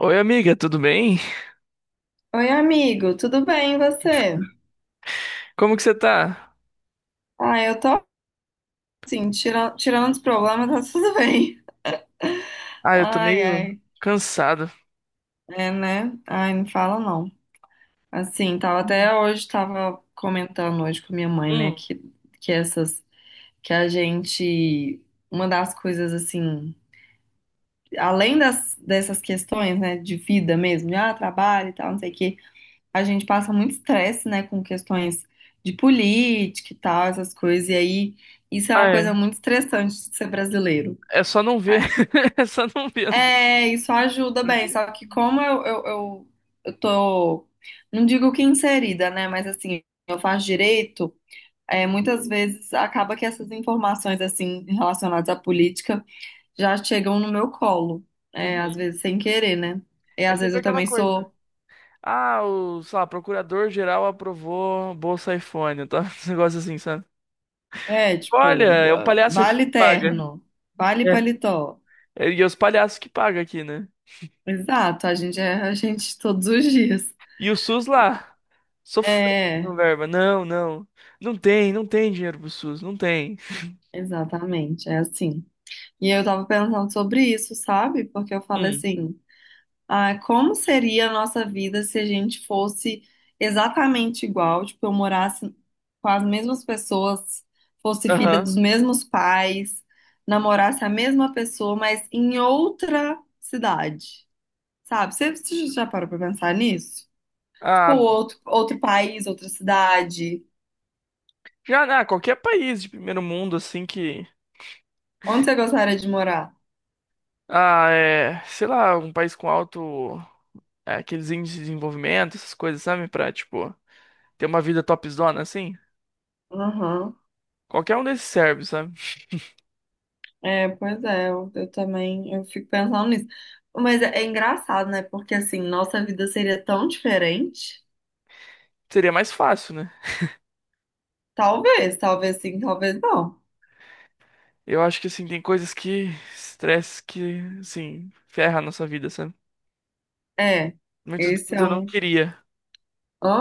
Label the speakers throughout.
Speaker 1: Oi, amiga, tudo bem?
Speaker 2: Oi, amigo, tudo bem e você?
Speaker 1: Como que você tá?
Speaker 2: Ah, eu tô assim, tirando os problemas, tá tudo bem.
Speaker 1: Ah, eu tô
Speaker 2: Ai,
Speaker 1: meio
Speaker 2: ai,
Speaker 1: cansado.
Speaker 2: é, né? Ai, não fala não. Assim, tava até hoje, tava comentando hoje com minha mãe, né, que essas, que a gente, uma das coisas assim, além dessas questões, né, de vida mesmo, de trabalho e tal, não sei o quê. A gente passa muito estresse, né, com questões de política e tal, essas coisas, e aí isso é
Speaker 1: Ah,
Speaker 2: uma coisa
Speaker 1: é.
Speaker 2: muito estressante de ser brasileiro.
Speaker 1: É só não ver.
Speaker 2: É,
Speaker 1: É só não ver as duas.
Speaker 2: é, isso ajuda bem,
Speaker 1: Porque-
Speaker 2: só que como eu tô, não digo que inserida, né, mas assim, eu faço direito, é, muitas vezes acaba que essas informações, assim, relacionadas à política já chegam no meu colo, é, às
Speaker 1: Uhum.
Speaker 2: vezes sem querer, né? E
Speaker 1: É
Speaker 2: às vezes
Speaker 1: sempre
Speaker 2: eu
Speaker 1: aquela
Speaker 2: também
Speaker 1: coisa.
Speaker 2: sou.
Speaker 1: Ah, o, sei lá, procurador-geral aprovou Bolsa iPhone, tá? Esse negócio assim, sabe?
Speaker 2: É,
Speaker 1: Olha,
Speaker 2: tipo,
Speaker 1: é o palhaço aqui que
Speaker 2: vale
Speaker 1: paga.
Speaker 2: terno, vale
Speaker 1: É.
Speaker 2: paletó.
Speaker 1: É, e é os palhaços que pagam aqui, né?
Speaker 2: Exato, a gente é a gente todos os dias.
Speaker 1: E o SUS lá, sofrendo
Speaker 2: É,
Speaker 1: com verba. Não, não. Não tem, não tem dinheiro pro SUS, não tem.
Speaker 2: exatamente, é assim. E eu tava pensando sobre isso, sabe? Porque eu falo
Speaker 1: Hum.
Speaker 2: assim, como seria a nossa vida se a gente fosse exatamente igual, tipo, eu morasse com as mesmas pessoas, fosse filha
Speaker 1: Aham.
Speaker 2: dos mesmos pais, namorasse a mesma pessoa, mas em outra cidade. Sabe? Você já parou pra pensar nisso? Tipo,
Speaker 1: Ah,
Speaker 2: outro país, outra cidade.
Speaker 1: já, né, qualquer país de primeiro mundo, assim, que...
Speaker 2: Onde você gostaria de morar?
Speaker 1: Ah, é... Sei lá, um país com alto... é, aqueles índices de desenvolvimento, essas coisas, sabe? Pra, tipo, ter uma vida topzona, assim.
Speaker 2: Aham.
Speaker 1: Qualquer um desses serve, sabe?
Speaker 2: É, pois é, eu também eu fico pensando nisso. Mas é engraçado, né? Porque assim, nossa vida seria tão diferente.
Speaker 1: Seria mais fácil, né?
Speaker 2: Talvez, talvez sim, talvez não.
Speaker 1: Eu acho que, assim, tem coisas que... Estresse que, assim, ferra a nossa vida, sabe?
Speaker 2: É,
Speaker 1: Muitos
Speaker 2: esse
Speaker 1: deles
Speaker 2: é
Speaker 1: eu não
Speaker 2: um.
Speaker 1: queria.
Speaker 2: Hã?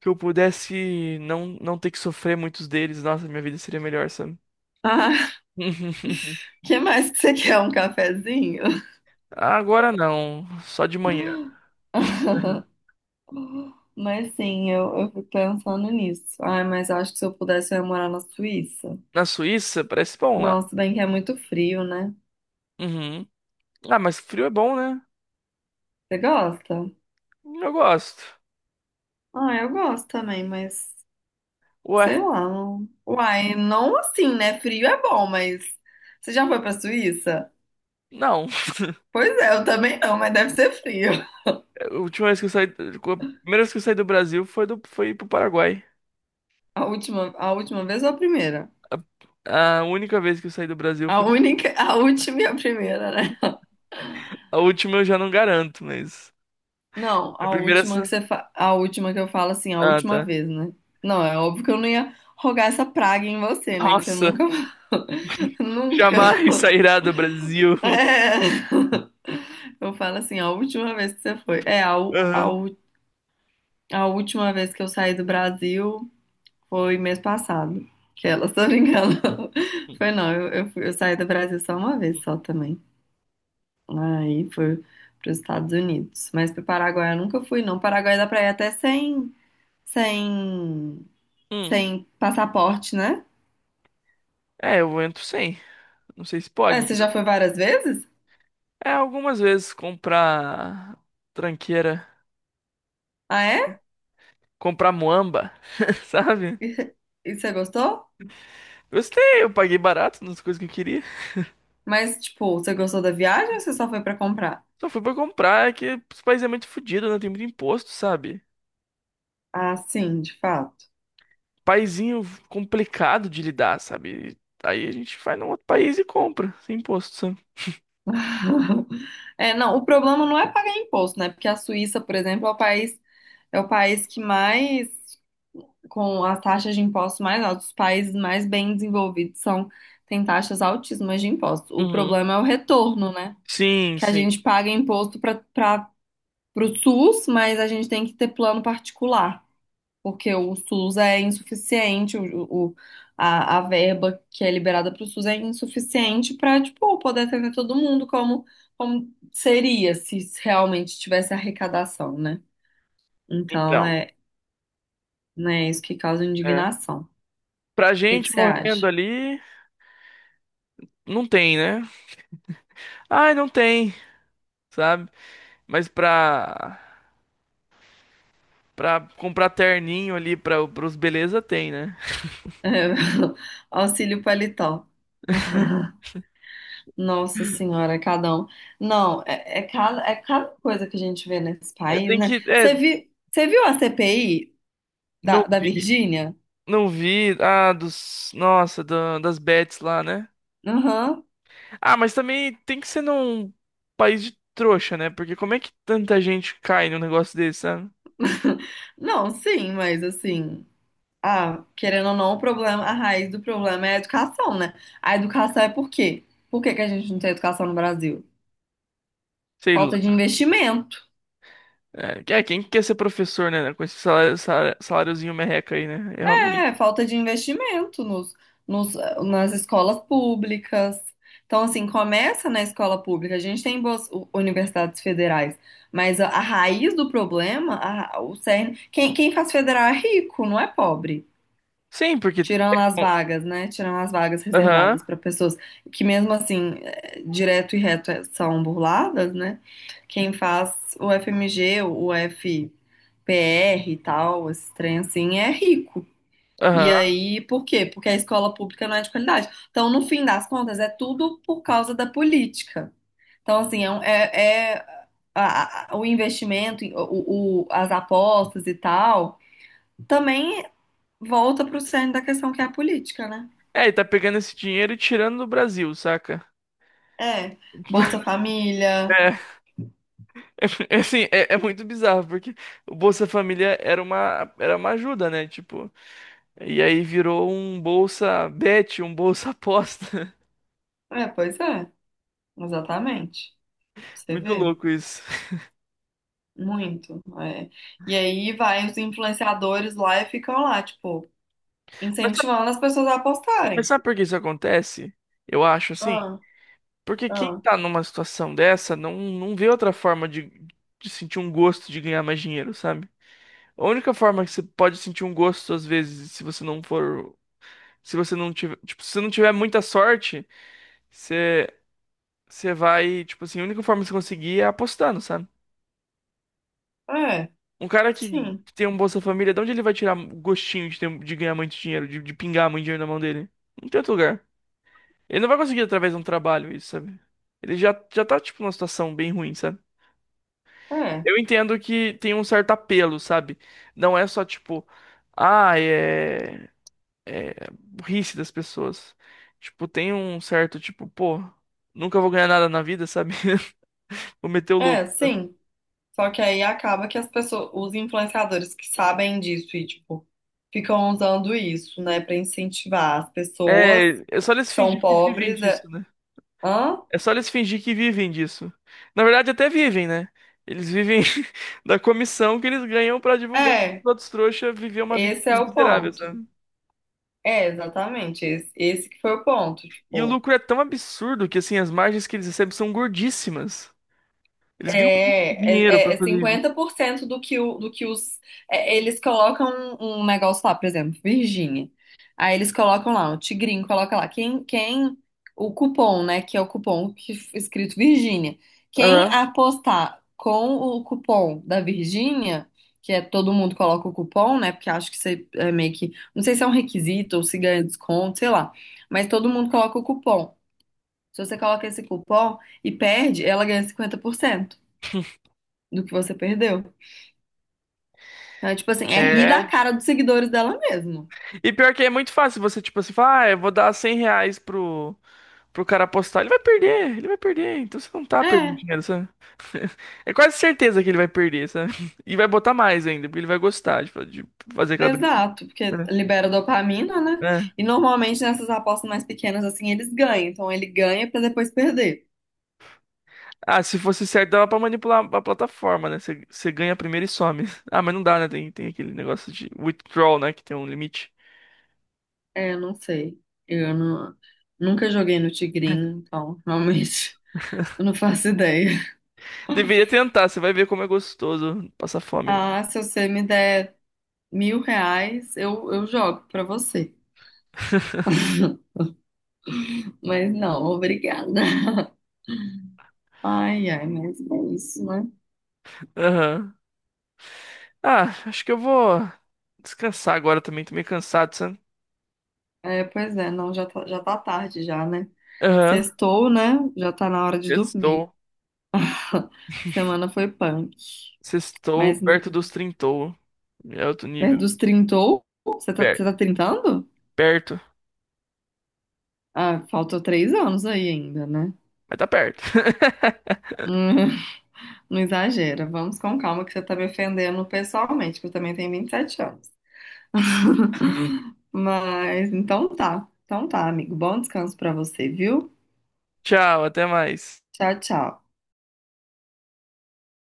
Speaker 1: Que eu pudesse não, não ter que sofrer muitos deles. Nossa, minha vida seria melhor, sabe?
Speaker 2: Ah, que mais que você quer? Um cafezinho?
Speaker 1: Agora não. Só de manhã.
Speaker 2: Mas sim, eu fico pensando nisso. Ai, mas eu acho que se eu pudesse, eu ia morar na Suíça.
Speaker 1: Na Suíça, parece bom lá.
Speaker 2: Nossa, bem que é muito frio, né?
Speaker 1: Uhum. Ah, mas frio é bom, né?
Speaker 2: Você gosta?
Speaker 1: Eu gosto.
Speaker 2: Ah, eu gosto também, mas
Speaker 1: Ué,
Speaker 2: sei lá. Uai, não assim, né? Frio é bom, mas você já foi pra Suíça?
Speaker 1: não.
Speaker 2: Pois é, eu também não, mas deve ser frio.
Speaker 1: A última vez que eu saí. A primeira vez que eu saí do Brasil foi, do, foi pro Paraguai.
Speaker 2: A última vez ou a primeira?
Speaker 1: A única vez que eu saí do Brasil
Speaker 2: A
Speaker 1: foi.
Speaker 2: única, a última e a primeira, né?
Speaker 1: A última eu já não garanto, mas.
Speaker 2: Não,
Speaker 1: A primeira. É essa-
Speaker 2: a última que eu falo assim, a
Speaker 1: Ah,
Speaker 2: última
Speaker 1: tá.
Speaker 2: vez, né? Não, é óbvio que eu não ia rogar essa praga em você, né? Que você
Speaker 1: Nossa,
Speaker 2: nunca, nunca.
Speaker 1: jamais sairá do Brasil.
Speaker 2: É. Eu falo assim, a última vez que você foi. É,
Speaker 1: Aham.
Speaker 2: a última vez que eu saí do Brasil foi mês passado. Que ela só me Foi não, eu saí do Brasil só uma vez só também. Aí foi para os Estados Unidos. Mas para o Paraguai eu nunca fui, não. Paraguai dá para ir até sem,
Speaker 1: Hum.
Speaker 2: sem passaporte, né?
Speaker 1: É, eu entro sem. Não sei se pode,
Speaker 2: Ah, você
Speaker 1: mas.
Speaker 2: já foi várias vezes?
Speaker 1: É, algumas vezes comprar tranqueira.
Speaker 2: Ah, é?
Speaker 1: Comprar muamba, sabe?
Speaker 2: E, e você gostou?
Speaker 1: Gostei, eu paguei barato nas coisas que eu queria.
Speaker 2: Mas, tipo, você gostou da viagem ou você só foi para comprar?
Speaker 1: Só fui pra comprar, é que os países é muito fodido, não tem muito imposto, sabe?
Speaker 2: Ah, sim, de fato.
Speaker 1: Paizinho complicado de lidar, sabe? Aí a gente vai num outro país e compra, sem imposto, sabe?
Speaker 2: É, não, o problema não é pagar imposto, né? Porque a Suíça, por exemplo, é o país que mais, com as taxas de impostos mais altas, os países mais bem desenvolvidos são, têm taxas altíssimas de impostos. O
Speaker 1: Uhum.
Speaker 2: problema é o retorno, né?
Speaker 1: Sim,
Speaker 2: Que a
Speaker 1: sim.
Speaker 2: gente paga imposto para o SUS, mas a gente tem que ter plano particular porque o SUS é insuficiente, o- a verba que é liberada para o SUS é insuficiente para, tipo, poder atender todo mundo como seria se realmente tivesse arrecadação, né? Então,
Speaker 1: Então,
Speaker 2: é, né, isso que causa
Speaker 1: é.
Speaker 2: indignação. O
Speaker 1: Pra
Speaker 2: que que
Speaker 1: gente
Speaker 2: você acha?
Speaker 1: morrendo ali, não tem, né? Ai, não tem, sabe? Mas pra, pra comprar terninho ali pra, pros beleza, tem, né?
Speaker 2: Auxílio paletó. Nossa senhora, cada um. Não, é, é cada coisa que a gente vê nesse
Speaker 1: É,
Speaker 2: país,
Speaker 1: tem que.
Speaker 2: né?
Speaker 1: É,
Speaker 2: Você viu a CPI
Speaker 1: não.
Speaker 2: da Virgínia?
Speaker 1: Não vi. Ah, dos. Nossa, da- das bets lá, né?
Speaker 2: Aham.
Speaker 1: Ah, mas também tem que ser num país de trouxa, né? Porque como é que tanta gente cai num negócio desse, sabe?
Speaker 2: Não, sim, mas assim, querendo ou não, o problema, a raiz do problema é a educação, né? A educação é por quê? Por que que a gente não tem educação no Brasil?
Speaker 1: Sei
Speaker 2: Falta de
Speaker 1: lá.
Speaker 2: investimento.
Speaker 1: É, que- é, quem quer ser professor, né? Né, com esse salário, salário- saláriozinho merreca aí, né? É realmente.
Speaker 2: É, falta de investimento nos, nas escolas públicas. Então, assim, começa na escola pública. A gente tem boas universidades federais, mas a raiz do problema, o cerne, quem faz federal é rico, não é pobre.
Speaker 1: Sim, porque.
Speaker 2: Tirando as vagas, né? Tirando as vagas reservadas
Speaker 1: Aham,
Speaker 2: para pessoas que, mesmo assim, é, direto e reto é, são burladas, né? Quem faz o FMG, o FPR e tal, esse trem assim, é rico. E
Speaker 1: aham.
Speaker 2: aí, por quê? Porque a escola pública não é de qualidade. Então, no fim das contas, é tudo por causa da política. Então, assim, é, é o investimento, as apostas e tal, também volta para o centro da questão que é a política, né?
Speaker 1: É, e tá pegando esse dinheiro e tirando do Brasil, saca?
Speaker 2: É, Bolsa Família.
Speaker 1: É, assim, é, é muito bizarro, porque o Bolsa Família era uma ajuda, né? Tipo. E aí virou um bolsa bet, um bolsa aposta.
Speaker 2: É, pois é, exatamente. Você
Speaker 1: Muito
Speaker 2: vê,
Speaker 1: louco isso.
Speaker 2: muito. É. E aí vai os influenciadores lá e ficam lá, tipo,
Speaker 1: Mas sabe,
Speaker 2: incentivando as pessoas a
Speaker 1: mas
Speaker 2: apostarem.
Speaker 1: sabe por que isso acontece? Eu acho assim,
Speaker 2: Ah,
Speaker 1: porque quem
Speaker 2: ah,
Speaker 1: tá numa situação dessa não, não vê outra forma de sentir um gosto de ganhar mais dinheiro, sabe? A única forma que você pode sentir um gosto, às vezes, se você não for. Se você não tiver. Tipo, se você não tiver muita sorte, você, você vai. Tipo assim, a única forma de você conseguir é apostando, sabe?
Speaker 2: é,
Speaker 1: Um cara que
Speaker 2: sim,
Speaker 1: tem um Bolsa Família, de onde ele vai tirar gostinho de, ter- de ganhar muito dinheiro, de pingar muito dinheiro na mão dele? Não tem outro lugar. Ele não vai conseguir através de um trabalho isso, sabe? Ele já, já tá, tipo, numa situação bem ruim, sabe?
Speaker 2: é,
Speaker 1: Eu entendo que tem um certo apelo, sabe? Não é só, tipo, ah, é burrice das pessoas. Tipo, tem um certo, tipo, pô, nunca vou ganhar nada na vida, sabe? Vou meter o louco.
Speaker 2: é, sim. Só que aí acaba que as pessoas, os influenciadores que sabem disso e, tipo, ficam usando isso, né, pra incentivar as pessoas
Speaker 1: É, é só eles
Speaker 2: que são
Speaker 1: fingir que vivem
Speaker 2: pobres. É,
Speaker 1: disso, né?
Speaker 2: hã?
Speaker 1: É só eles fingir que vivem disso. Na verdade, até vivem, né? Eles vivem da comissão que eles ganham pra divulgar que os
Speaker 2: É,
Speaker 1: outros trouxas viver uma vida
Speaker 2: esse é
Speaker 1: mais
Speaker 2: o
Speaker 1: miserável,
Speaker 2: ponto.
Speaker 1: sabe?
Speaker 2: É, exatamente. Esse que foi o ponto,
Speaker 1: E o
Speaker 2: tipo.
Speaker 1: lucro é tão absurdo que, assim, as margens que eles recebem são gordíssimas. Eles ganham muito
Speaker 2: É,
Speaker 1: dinheiro
Speaker 2: é, é
Speaker 1: pra
Speaker 2: é
Speaker 1: fazer isso.
Speaker 2: 50% do que, o, do que os. É, eles colocam um negócio lá, por exemplo, Virgínia. Aí eles colocam lá, o Tigrinho coloca lá. Quem. O cupom, né? Que é o cupom que, escrito Virgínia. Quem
Speaker 1: Aham.
Speaker 2: apostar com o cupom da Virgínia, que é todo mundo coloca o cupom, né? Porque acho que você é meio que. Não sei se é um requisito ou se ganha desconto, sei lá. Mas todo mundo coloca o cupom. Se você coloca esse cupom e perde, ela ganha 50% do que você perdeu. Então, é tipo assim, é rir da
Speaker 1: É.
Speaker 2: cara dos seguidores dela mesmo.
Speaker 1: E pior que é muito fácil você, tipo assim, falar, ah, eu vou dar R$ 100 pro, pro cara apostar. Ele vai perder, ele vai perder. Então você não tá perdendo
Speaker 2: É,
Speaker 1: dinheiro, sabe? É quase certeza que ele vai perder, sabe? E vai botar mais ainda, porque ele vai gostar de fa- de fazer aquela
Speaker 2: exato, porque
Speaker 1: É.
Speaker 2: libera dopamina, né?
Speaker 1: É.
Speaker 2: E normalmente nessas apostas mais pequenas, assim, eles ganham. Então ele ganha pra depois perder.
Speaker 1: Ah, se fosse certo, dava pra manipular a plataforma, né? Você ganha primeiro e some. Ah, mas não dá, né? Tem, tem aquele negócio de withdrawal, né? Que tem um limite.
Speaker 2: É, eu não sei. Eu não- nunca joguei no Tigrinho, então realmente eu não faço ideia.
Speaker 1: Deveria tentar, você vai ver como é gostoso passar fome.
Speaker 2: Ah, se você me der R$ 1.000, eu jogo pra você. Mas não, obrigada. Ai, ai, mas é isso, né?
Speaker 1: Aham. Ah, acho que eu vou descansar agora também. Tô meio cansado, sabe?
Speaker 2: É, pois é, não, já tá tarde já, né?
Speaker 1: Aham.
Speaker 2: Sextou, né? Já tá na hora de dormir.
Speaker 1: Sextou.
Speaker 2: Semana foi punk.
Speaker 1: Sextou
Speaker 2: Mas
Speaker 1: perto dos trintou. É outro nível.
Speaker 2: perto dos trintou, você tá, você
Speaker 1: Per-
Speaker 2: tá trintando?
Speaker 1: Perto.
Speaker 2: Ah, faltou 3 anos aí ainda, né?
Speaker 1: Mas tá perto.
Speaker 2: Hum. Não exagera, vamos com calma que você tá me ofendendo pessoalmente, que eu também tenho 27 anos. Mas então tá, amigo. Bom descanso pra você, viu?
Speaker 1: Tchau, até mais.
Speaker 2: Tchau, tchau.